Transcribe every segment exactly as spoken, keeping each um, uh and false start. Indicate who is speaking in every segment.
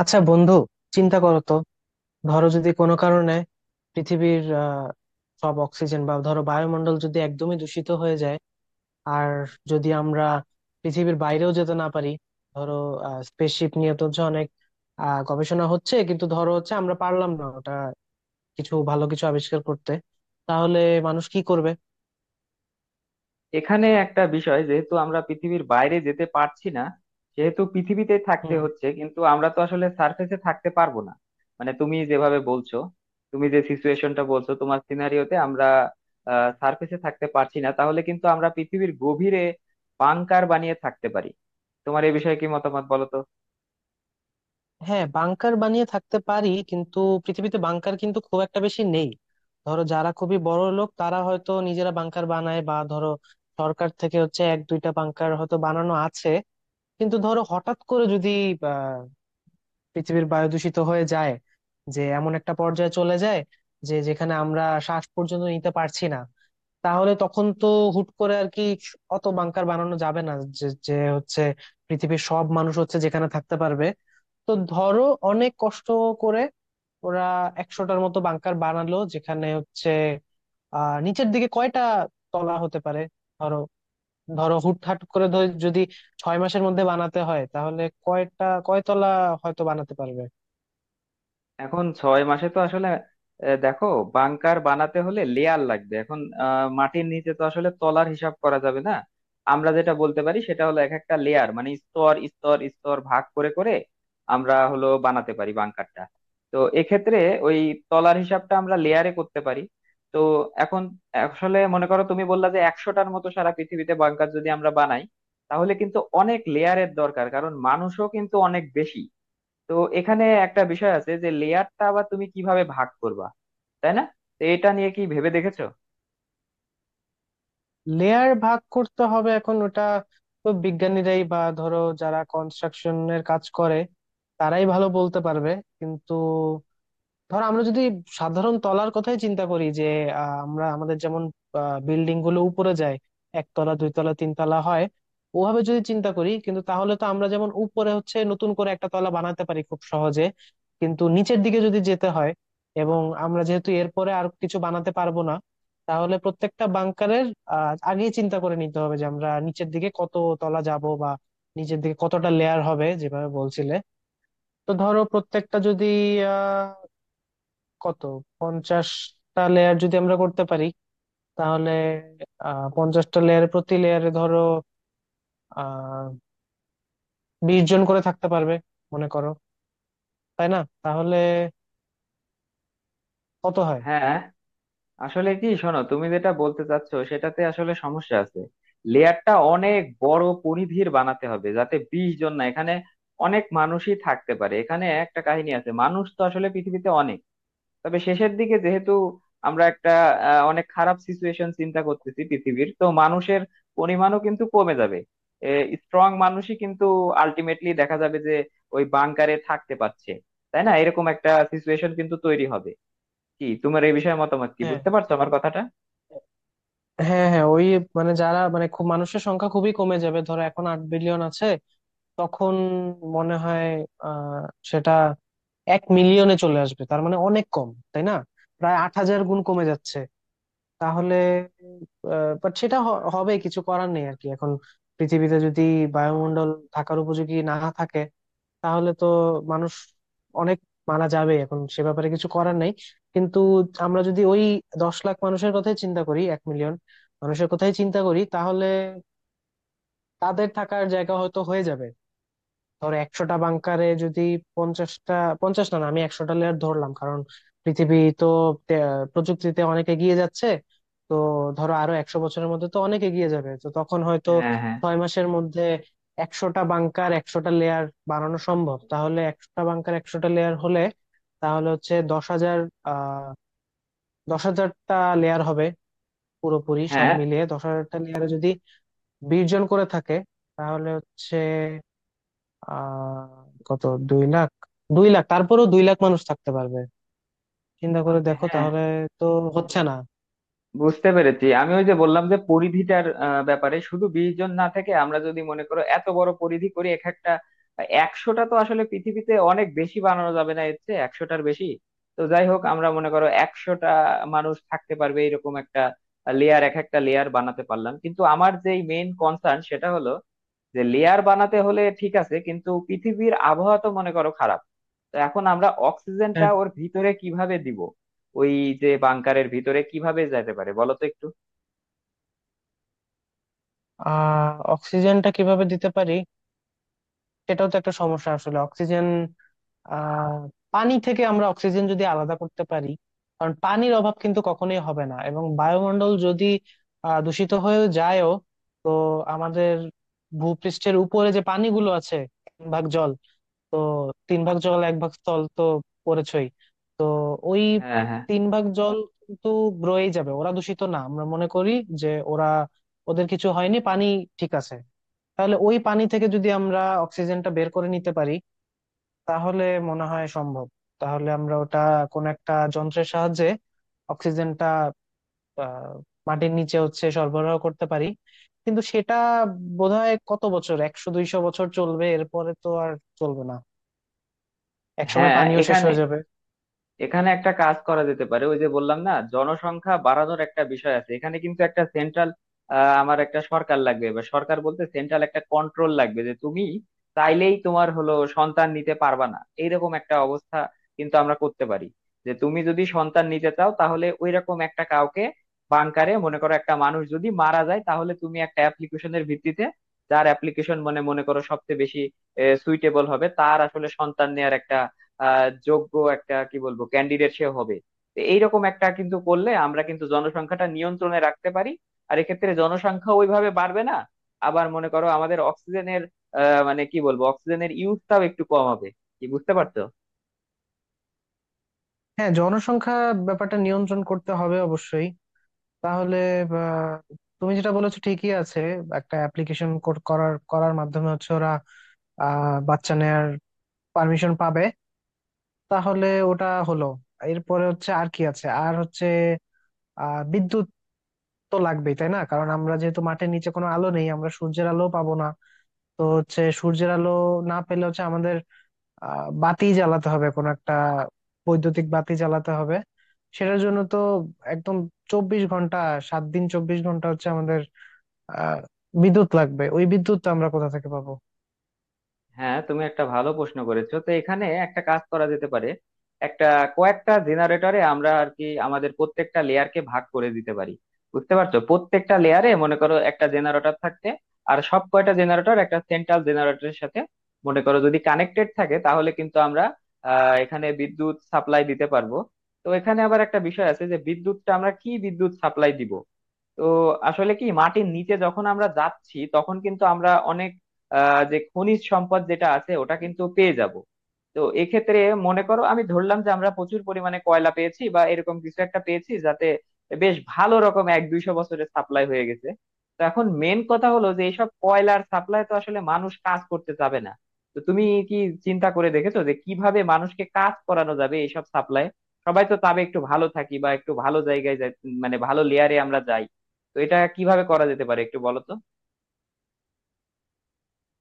Speaker 1: আচ্ছা বন্ধু, চিন্তা করো তো। ধরো যদি কোনো কারণে পৃথিবীর আহ, সব অক্সিজেন বা ধরো বায়ুমণ্ডল যদি একদমই দূষিত হয়ে যায়, আর যদি আমরা পৃথিবীর বাইরেও যেতে না পারি। ধরো স্পেসশিপ নিয়ে তো হচ্ছে অনেক আহ, গবেষণা হচ্ছে, কিন্তু ধরো হচ্ছে আমরা পারলাম না ওটা, কিছু ভালো কিছু আবিষ্কার করতে, তাহলে মানুষ কি করবে?
Speaker 2: এখানে একটা বিষয়, যেহেতু আমরা পৃথিবীর বাইরে যেতে পারছি না সেহেতু পৃথিবীতে থাকতে হচ্ছে, কিন্তু আমরা তো আসলে সার্ফেসে থাকতে পারবো না। মানে তুমি যেভাবে বলছো, তুমি যে সিচুয়েশনটা বলছো তোমার সিনারিওতে আমরা সার্ফেসে থাকতে পারছি না, তাহলে কিন্তু আমরা পৃথিবীর গভীরে বাংকার বানিয়ে থাকতে পারি। তোমার এ বিষয়ে কি মতামত, বলো তো।
Speaker 1: হ্যাঁ, বাংকার বানিয়ে থাকতে পারি, কিন্তু পৃথিবীতে বাংকার কিন্তু খুব একটা বেশি নেই। ধরো যারা খুবই বড় লোক, তারা হয়তো নিজেরা বাংকার বানায়, বা ধরো সরকার থেকে হচ্ছে এক দুইটা বাংকার হয়তো বানানো আছে। কিন্তু ধরো হঠাৎ করে যদি আহ, পৃথিবীর বায়ু দূষিত হয়ে যায়, যে এমন একটা পর্যায়ে চলে যায় যে যেখানে আমরা শ্বাস পর্যন্ত নিতে পারছি না, তাহলে তখন তো হুট করে আর কি অত বাংকার বানানো যাবে না, যে যে হচ্ছে পৃথিবীর সব মানুষ হচ্ছে যেখানে থাকতে পারবে। তো ধরো অনেক কষ্ট করে ওরা একশোটার মতো বাংকার বানালো, যেখানে হচ্ছে আহ নিচের দিকে কয়টা তলা হতে পারে। ধরো ধরো হুটহাট করে ধর যদি ছয় মাসের মধ্যে বানাতে হয় তাহলে কয়টা কয়তলা হয়তো বানাতে পারবে।
Speaker 2: এখন ছয় মাসে তো আসলে আহ, দেখো, বাংকার বানাতে হলে লেয়ার লাগবে। এখন আহ, মাটির নিচে তো আসলে তলার হিসাব করা যাবে না। আমরা যেটা বলতে পারি সেটা হলো এক একটা লেয়ার, মানে স্তর স্তর স্তর ভাগ করে করে আমরা হলো বানাতে পারি বাংকারটা। তো এক্ষেত্রে ওই তলার হিসাবটা আমরা লেয়ারে করতে পারি। তো এখন আসলে মনে করো তুমি বললা যে একশোটার মতো সারা পৃথিবীতে বাংকার যদি আমরা বানাই, তাহলে কিন্তু অনেক লেয়ারের দরকার, কারণ মানুষও কিন্তু অনেক বেশি। তো এখানে একটা বিষয় আছে যে লেয়ারটা আবার তুমি কিভাবে ভাগ করবা, তাই না? তো এটা নিয়ে কি ভেবে দেখেছো?
Speaker 1: লেয়ার ভাগ করতে হবে, এখন ওটা তো বিজ্ঞানীরাই বা ধরো যারা কনস্ট্রাকশনের কাজ করে তারাই ভালো বলতে পারবে। কিন্তু ধর আমরা যদি সাধারণ তলার কথাই চিন্তা করি, যে আহ, আমরা আমাদের যেমন বিল্ডিং গুলো উপরে যায়, একতলা দুইতলা তিনতলা হয়, ওভাবে যদি চিন্তা করি কিন্তু, তাহলে তো আমরা যেমন উপরে হচ্ছে নতুন করে একটা তলা বানাতে পারি খুব সহজে, কিন্তু নিচের দিকে যদি যেতে হয়, এবং আমরা যেহেতু এরপরে আর কিছু বানাতে পারবো না, তাহলে প্রত্যেকটা বাংকারের আহ আগেই চিন্তা করে নিতে হবে যে আমরা নিচের দিকে কত তলা যাব, বা নিচের দিকে কতটা লেয়ার হবে যেভাবে বলছিলে। তো ধরো প্রত্যেকটা যদি, কত, পঞ্চাশটা লেয়ার যদি আমরা করতে পারি, তাহলে আহ পঞ্চাশটা লেয়ারে প্রতি লেয়ারে ধরো আহ বিশ জন করে থাকতে পারবে, মনে করো, তাই না? তাহলে কত হয়?
Speaker 2: হ্যাঁ। আসলে কি শোনো, তুমি যেটা বলতে চাচ্ছো সেটাতে আসলে সমস্যা আছে। লেয়ারটা অনেক বড় পরিধির বানাতে হবে, যাতে বিশ জন না, এখানে অনেক মানুষই থাকতে পারে। এখানে একটা কাহিনী আছে, মানুষ তো আসলে পৃথিবীতে অনেক। তবে শেষের দিকে যেহেতু আমরা একটা আহ, অনেক খারাপ সিচুয়েশন চিন্তা করতেছি, পৃথিবীর তো মানুষের পরিমাণও কিন্তু কমে যাবে। স্ট্রং মানুষই কিন্তু আলটিমেটলি দেখা যাবে যে ওই বাংকারে থাকতে পারছে, তাই না? এরকম একটা সিচুয়েশন কিন্তু তৈরি হবে। কি তোমার এই বিষয়ে মতামত? কি,
Speaker 1: হ্যাঁ,
Speaker 2: বুঝতে পারছো আমার কথাটা?
Speaker 1: হ্যাঁ, হ্যাঁ, ওই, মানে যারা, মানে খুব মানুষের সংখ্যা খুবই কমে যাবে, ধরো এখন আট বিলিয়ন আছে, তখন মনে হয় আহ সেটা এক মিলিয়নে চলে আসবে। তার মানে অনেক কম, তাই না? প্রায় আট হাজার গুণ কমে যাচ্ছে। তাহলে বাট সেটা হ- হবে, কিছু করার নেই আর কি। এখন পৃথিবীতে যদি বায়ুমণ্ডল থাকার উপযোগী না থাকে, তাহলে তো মানুষ অনেক মারা যাবে, এখন সে ব্যাপারে কিছু করার নাই। কিন্তু আমরা যদি ওই দশ লাখ মানুষের কথাই চিন্তা করি, এক মিলিয়ন মানুষের কথাই চিন্তা করি, তাহলে তাদের থাকার জায়গা হয়তো হয়ে যাবে। ধরো একশোটা বাংকারে যদি পঞ্চাশটা, পঞ্চাশ, না, না, আমি একশোটা লেয়ার ধরলাম, কারণ পৃথিবী তো তে- প্রযুক্তিতে অনেক এগিয়ে যাচ্ছে। তো ধরো আরো একশো বছরের মধ্যে তো অনেক এগিয়ে যাবে, তো তখন হয়তো
Speaker 2: হ্যাঁ হ্যাঁ
Speaker 1: ছয় মাসের মধ্যে একশোটা বাংকার একশোটা লেয়ার বানানো সম্ভব। তাহলে একশোটা বাংকার একশোটা লেয়ার হলে, তাহলে হচ্ছে দশ হাজার, আহ দশ হাজারটা লেয়ার হবে পুরোপুরি সব
Speaker 2: হ্যাঁ
Speaker 1: মিলিয়ে। দশ হাজারটা লেয়ারে যদি বিশ জন করে থাকে, তাহলে হচ্ছে আহ কত, দুই লাখ, দুই লাখ, তারপরেও দুই লাখ মানুষ থাকতে পারবে। চিন্তা করে দেখো,
Speaker 2: হ্যাঁ।
Speaker 1: তাহলে তো হচ্ছে না।
Speaker 2: বুঝতে পেরেছি আমি, ওই যে বললাম যে পরিধিটার আহ, ব্যাপারে, শুধু বিশ জন না থেকে আমরা যদি মনে করো এত বড় পরিধি করি এক একটা। একশোটা তো আসলে পৃথিবীতে অনেক বেশি বানানো যাবে না, এর চেয়ে একশোটার বেশি। তো যাই হোক, আমরা মনে করো একশোটা মানুষ থাকতে পারবে এরকম একটা লেয়ার, এক একটা লেয়ার বানাতে পারলাম, কিন্তু আমার যেই মেইন কনসার্ন সেটা হলো যে লেয়ার বানাতে হলে ঠিক আছে, কিন্তু পৃথিবীর আবহাওয়া তো মনে করো খারাপ। তো এখন আমরা অক্সিজেনটা
Speaker 1: হ্যাঁ,
Speaker 2: ওর ভিতরে কিভাবে দিব? ওই যে বাংকারের ভিতরে কিভাবে যেতে পারে, বলো তো একটু।
Speaker 1: আহ অক্সিজেনটা কিভাবে দিতে পারি, সেটাও তো একটা সমস্যা আসলে। অক্সিজেন আহ পানি থেকে আমরা অক্সিজেন যদি আলাদা করতে পারি, কারণ পানির অভাব কিন্তু কখনোই হবে না। এবং বায়ুমণ্ডল যদি আহ দূষিত হয়েও যায়ও, তো আমাদের ভূপৃষ্ঠের উপরে যে পানিগুলো আছে, তিন ভাগ জল, তো তিন ভাগ জল এক ভাগ স্থল তো পড়েছই। তো ওই
Speaker 2: হ্যাঁ হ্যাঁ
Speaker 1: তিন ভাগ জল কিন্তু রয়েই যাবে। ওরা দূষিত না, আমরা মনে করি যে ওরা, ওদের কিছু হয়নি, পানি ঠিক আছে। তাহলে ওই পানি থেকে যদি আমরা অক্সিজেনটা বের করে নিতে পারি, তাহলে মনে হয় সম্ভব। তাহলে আমরা ওটা কোন একটা যন্ত্রের সাহায্যে অক্সিজেনটা আহ, মাটির নিচে হচ্ছে সরবরাহ করতে পারি। কিন্তু সেটা বোধহয় কত বছর, একশো দুইশো বছর চলবে, এরপরে তো আর চলবে না। একসময়
Speaker 2: হ্যাঁ।
Speaker 1: পানিও শেষ
Speaker 2: এখানে
Speaker 1: হয়ে যাবে।
Speaker 2: এখানে একটা কাজ করা যেতে পারে, ওই যে বললাম না, জনসংখ্যা বাড়ানোর একটা বিষয় আছে, এখানে কিন্তু একটা সেন্ট্রাল আমার একটা সরকার লাগবে, বা সরকার বলতে সেন্ট্রাল একটা কন্ট্রোল লাগবে, যে তুমি চাইলেই তোমার হলো সন্তান নিতে পারবা না, এইরকম একটা অবস্থা কিন্তু আমরা করতে পারি। যে তুমি যদি সন্তান নিতে চাও তাহলে ওইরকম একটা কাউকে বানকারে, মনে করো একটা মানুষ যদি মারা যায় তাহলে তুমি একটা অ্যাপ্লিকেশনের ভিত্তিতে, যার অ্যাপ্লিকেশন মানে মনে করো সবচেয়ে বেশি সুইটেবল হবে, তার আসলে সন্তান নেয়ার একটা আহ যোগ্য একটা কি বলবো ক্যান্ডিডেট সে হবে। তো এইরকম একটা কিন্তু করলে আমরা কিন্তু জনসংখ্যাটা নিয়ন্ত্রণে রাখতে পারি। আর এক্ষেত্রে জনসংখ্যা ওইভাবে বাড়বে না। আবার মনে করো আমাদের অক্সিজেনের আহ মানে কি বলবো, অক্সিজেনের ইউজটাও একটু কম হবে। কি বুঝতে পারছো?
Speaker 1: হ্যাঁ, জনসংখ্যা ব্যাপারটা নিয়ন্ত্রণ করতে হবে অবশ্যই। তাহলে আহ, তুমি যেটা বলেছো ঠিকই আছে। একটা অ্যাপ্লিকেশন করার করার মাধ্যমে হচ্ছে ওরা আহ বাচ্চা নেয়ার পারমিশন পাবে। তাহলে ওটা হলো। এরপরে হচ্ছে আর কি আছে, আর হচ্ছে আহ বিদ্যুৎ তো লাগবেই, তাই না? কারণ আমরা যেহেতু মাঠের নিচে, কোনো আলো নেই, আমরা সূর্যের আলো পাবো না। তো হচ্ছে সূর্যের আলো না পেলে হচ্ছে আমাদের আহ বাতি জ্বালাতে হবে কোনো একটা, বৈদ্যুতিক বাতি জ্বালাতে হবে। সেটার জন্য তো একদম চব্বিশ ঘন্টা, সাত দিন চব্বিশ ঘন্টা হচ্ছে আমাদের আহ বিদ্যুৎ লাগবে, ওই বিদ্যুৎ তো আমরা কোথা থেকে পাবো?
Speaker 2: হ্যাঁ। তুমি একটা ভালো প্রশ্ন করেছো, তো এখানে একটা কাজ করা যেতে পারে। একটা কয়েকটা জেনারেটরে আমরা আর কি আমাদের প্রত্যেকটা লেয়ারকে ভাগ করে দিতে পারি। বুঝতে পারছো? প্রত্যেকটা লেয়ারে মনে করো একটা জেনারেটর থাকতে, আর সব কয়টা জেনারেটর একটা সেন্ট্রাল জেনারেটরের সাথে মনে করো যদি কানেক্টেড থাকে, তাহলে কিন্তু আমরা আহ এখানে বিদ্যুৎ সাপ্লাই দিতে পারবো। তো এখানে আবার একটা বিষয় আছে, যে বিদ্যুৎটা আমরা কি বিদ্যুৎ সাপ্লাই দিব। তো আসলে কি, মাটির নিচে যখন আমরা যাচ্ছি তখন কিন্তু আমরা অনেক আহ, যে খনিজ সম্পদ যেটা আছে ওটা কিন্তু পেয়ে যাব। তো এক্ষেত্রে মনে করো আমি ধরলাম যে আমরা প্রচুর পরিমাণে কয়লা পেয়েছি বা এরকম কিছু একটা পেয়েছি, যাতে বেশ ভালো রকম এক দুইশো বছরের সাপ্লাই হয়ে গেছে। তো এখন মেন কথা হলো যে এইসব কয়লার সাপ্লাই তো আসলে মানুষ কাজ করতে যাবে না। তো তুমি কি চিন্তা করে দেখেছো যে কিভাবে মানুষকে কাজ করানো যাবে এইসব সাপ্লাই? সবাই তো চাবে একটু ভালো থাকি বা একটু ভালো জায়গায় যাই, মানে ভালো লেয়ারে আমরা যাই। তো এটা কিভাবে করা যেতে পারে, একটু বলো তো।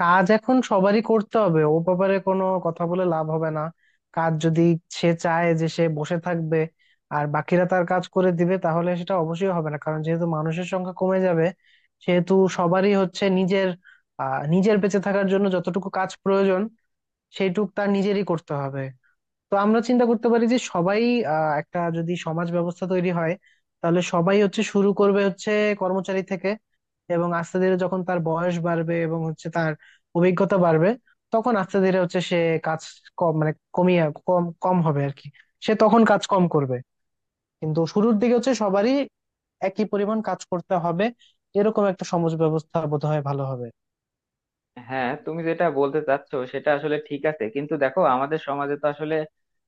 Speaker 1: কাজ এখন সবারই করতে হবে, ও ব্যাপারে কোনো কথা বলে লাভ হবে না। কাজ যদি, সে চায় যে সে বসে থাকবে আর বাকিরা তার কাজ করে দিবে, তাহলে সেটা অবশ্যই হবে না। কারণ যেহেতু মানুষের সংখ্যা কমে যাবে, সেহেতু সবারই হচ্ছে নিজের, আহ নিজের বেঁচে থাকার জন্য যতটুকু কাজ প্রয়োজন, সেইটুক তার নিজেরই করতে হবে। তো আমরা চিন্তা করতে পারি যে সবাই, আহ, একটা যদি সমাজ ব্যবস্থা তৈরি হয়, তাহলে সবাই হচ্ছে শুরু করবে হচ্ছে কর্মচারী থেকে, এবং আস্তে ধীরে যখন তার বয়স বাড়বে এবং হচ্ছে তার অভিজ্ঞতা বাড়বে, তখন আস্তে ধীরে হচ্ছে সে কাজ কম, মানে কমিয়ে, কম কম হবে আর কি, সে তখন কাজ কম করবে। কিন্তু শুরুর দিকে হচ্ছে সবারই একই পরিমাণ কাজ করতে হবে। এরকম একটা সমাজ ব্যবস্থা বোধহয় ভালো হবে।
Speaker 2: হ্যাঁ তুমি যেটা বলতে চাচ্ছো সেটা আসলে ঠিক আছে, কিন্তু দেখো আমাদের সমাজে তো আসলে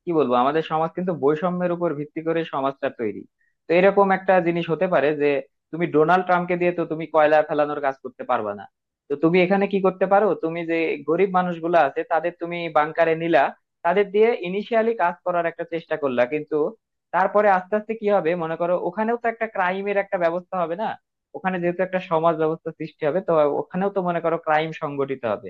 Speaker 2: কি বলবো, আমাদের সমাজ কিন্তু বৈষম্যের উপর ভিত্তি করে সমাজটা তৈরি। তো এরকম একটা জিনিস হতে পারে যে তুমি ডোনাল্ড ট্রাম্পকে দিয়ে তো তুমি কয়লা ফেলানোর কাজ করতে পারবা না। তো তুমি এখানে কি করতে পারো, তুমি যে গরিব মানুষগুলো আছে তাদের তুমি বাংকারে নিলা, তাদের দিয়ে ইনিশিয়ালি কাজ করার একটা চেষ্টা করলা। কিন্তু তারপরে আস্তে আস্তে কি হবে মনে করো, ওখানেও তো একটা ক্রাইমের একটা ব্যবস্থা হবে না? ওখানে যেহেতু একটা সমাজ ব্যবস্থা সৃষ্টি হবে, তো ওখানেও তো মনে করো ক্রাইম সংগঠিত হবে।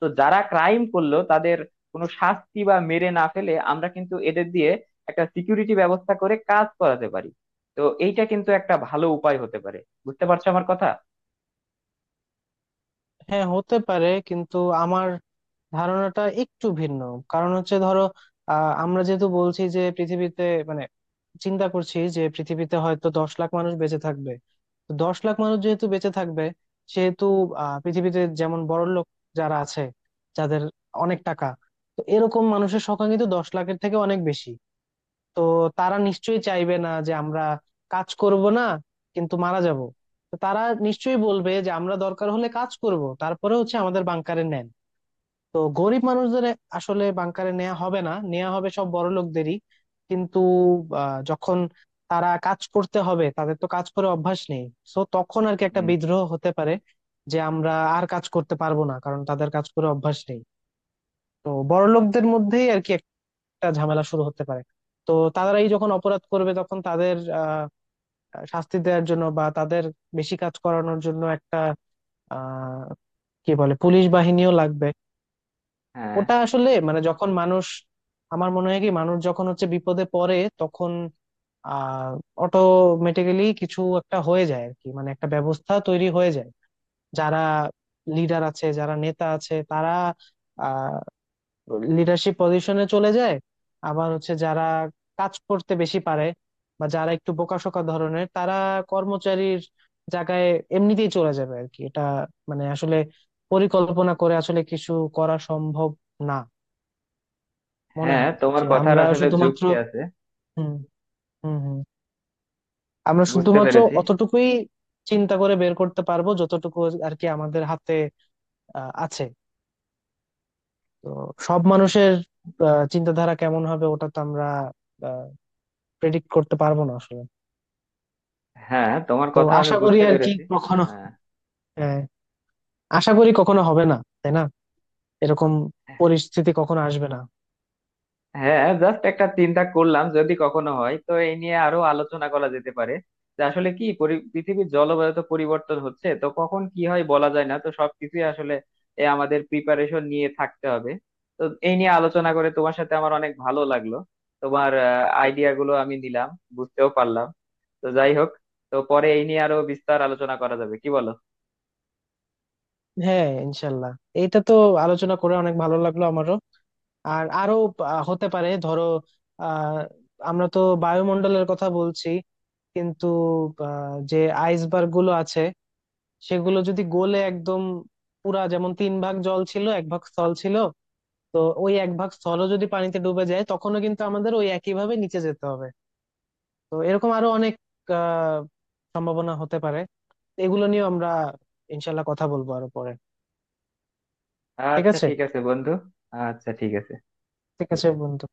Speaker 2: তো যারা ক্রাইম করলো তাদের কোনো শাস্তি বা মেরে না ফেলে আমরা কিন্তু এদের দিয়ে একটা সিকিউরিটি ব্যবস্থা করে কাজ করাতে পারি। তো এইটা কিন্তু একটা ভালো উপায় হতে পারে। বুঝতে পারছো আমার কথা?
Speaker 1: হ্যাঁ, হতে পারে, কিন্তু আমার ধারণাটা একটু ভিন্ন। কারণ হচ্ছে ধরো আহ আমরা যেহেতু বলছি যে পৃথিবীতে, মানে চিন্তা করছি যে পৃথিবীতে হয়তো দশ লাখ মানুষ বেঁচে থাকবে। তো দশ লাখ মানুষ যেহেতু বেঁচে থাকবে, সেহেতু আহ পৃথিবীতে যেমন বড়লোক যারা আছে, যাদের অনেক টাকা, তো এরকম মানুষের সংখ্যা কিন্তু দশ লাখের থেকে অনেক বেশি। তো তারা নিশ্চয়ই চাইবে না যে আমরা কাজ করব না কিন্তু মারা যাব। তো তারা নিশ্চয়ই বলবে যে আমরা দরকার হলে কাজ করব, তারপরে হচ্ছে আমাদের বাংকারে নেন। তো গরিব মানুষদের আসলে বাংকারে নেওয়া হবে না, নেওয়া হবে সব বড় লোকদেরই। কিন্তু আহ, যখন তারা কাজ করতে হবে, তাদের তো কাজ করে অভ্যাস নেই। সো তখন আর কি একটা
Speaker 2: হুম,
Speaker 1: বিদ্রোহ হতে পারে যে আমরা আর কাজ করতে পারবো না, কারণ তাদের কাজ করে অভ্যাস নেই। তো বড় লোকদের মধ্যেই আর কি একটা ঝামেলা শুরু হতে পারে। তো তারাই যখন অপরাধ করবে, তখন তাদের আহ শাস্তি দেওয়ার জন্য বা তাদের বেশি কাজ করানোর জন্য একটা, আহ কি বলে, পুলিশ বাহিনীও লাগবে।
Speaker 2: হ্যাঁ
Speaker 1: ওটা আসলে, মানে যখন মানুষ, আমার মনে হয় কি, মানুষ যখন হচ্ছে বিপদে পড়ে, তখন আহ অটোমেটিক্যালি কিছু একটা হয়ে যায় আর কি, মানে একটা ব্যবস্থা তৈরি হয়ে যায়। যারা লিডার আছে, যারা নেতা আছে, তারা আহ লিডারশিপ পজিশনে চলে যায়। আবার হচ্ছে যারা কাজ করতে বেশি পারে, বা যারা একটু বোকাশোকা ধরনের, তারা কর্মচারীর জায়গায় এমনিতেই চলে যাবে আর কি। এটা, মানে আসলে পরিকল্পনা করে আসলে কিছু করা সম্ভব না মনে
Speaker 2: হ্যাঁ
Speaker 1: হয়।
Speaker 2: তোমার
Speaker 1: যে
Speaker 2: কথার
Speaker 1: আমরা
Speaker 2: আসলে
Speaker 1: শুধুমাত্র,
Speaker 2: যুক্তি আছে।
Speaker 1: হুম, হুম, হুম, আমরা
Speaker 2: বুঝতে
Speaker 1: শুধুমাত্র
Speaker 2: পেরেছি।
Speaker 1: অতটুকুই চিন্তা করে বের করতে পারবো যতটুকু আর কি আমাদের হাতে আহ, আছে। তো সব মানুষের আহ, চিন্তাধারা কেমন হবে, ওটা তো আমরা প্রেডিক্ট করতে পারবো না আসলে।
Speaker 2: হ্যাঁ তোমার
Speaker 1: তো
Speaker 2: কথা আমি
Speaker 1: আশা করি
Speaker 2: বুঝতে
Speaker 1: আর কি
Speaker 2: পেরেছি।
Speaker 1: কখনো,
Speaker 2: হ্যাঁ।
Speaker 1: হ্যাঁ, আশা করি কখনো হবে না, তাই না? এরকম পরিস্থিতি কখনো আসবে না।
Speaker 2: হ্যাঁ জাস্ট একটা চিন্তা করলাম, যদি কখনো হয় তো এই নিয়ে আরো আলোচনা করা যেতে পারে। যে আসলে কি, পরি- পৃথিবীর জলবায়ু তো পরিবর্তন হচ্ছে, তো কখন কি হয় বলা যায় না, তো সবকিছুই আসলে এ আমাদের প্রিপারেশন নিয়ে থাকতে হবে। তো এই নিয়ে আলোচনা করে তোমার সাথে আমার অনেক ভালো লাগলো। তোমার আইডিয়া গুলো আমি নিলাম, বুঝতেও পারলাম। তো যাই হোক, তো পরে এই নিয়ে আরো বিস্তার আলোচনা করা যাবে, কি বলো?
Speaker 1: হ্যাঁ, ইনশাল্লাহ। এইটা তো আলোচনা করে অনেক ভালো লাগলো আমারও। আর আরো আহ, হতে পারে, ধরো আহ আমরা তো বায়ুমণ্ডলের কথা বলছি, কিন্তু আহ, যে আইসবার্গ গুলো আছে, সেগুলো যদি গলে একদম পুরা, যেমন তিন ভাগ জল ছিল এক ভাগ স্থল ছিল, তো ওই এক ভাগ স্থলও যদি পানিতে ডুবে যায়, তখনও কিন্তু আমাদের ওই একই ভাবে নিচে যেতে হবে। তো এরকম আরো অনেক আহ সম্ভাবনা হতে পারে। এগুলো নিয়ে আমরা ইনশাল্লাহ কথা বলবো আরো পরে। ঠিক
Speaker 2: আচ্ছা
Speaker 1: আছে।
Speaker 2: ঠিক আছে বন্ধু। আচ্ছা ঠিক আছে।
Speaker 1: ঠিক আছে বন্ধু।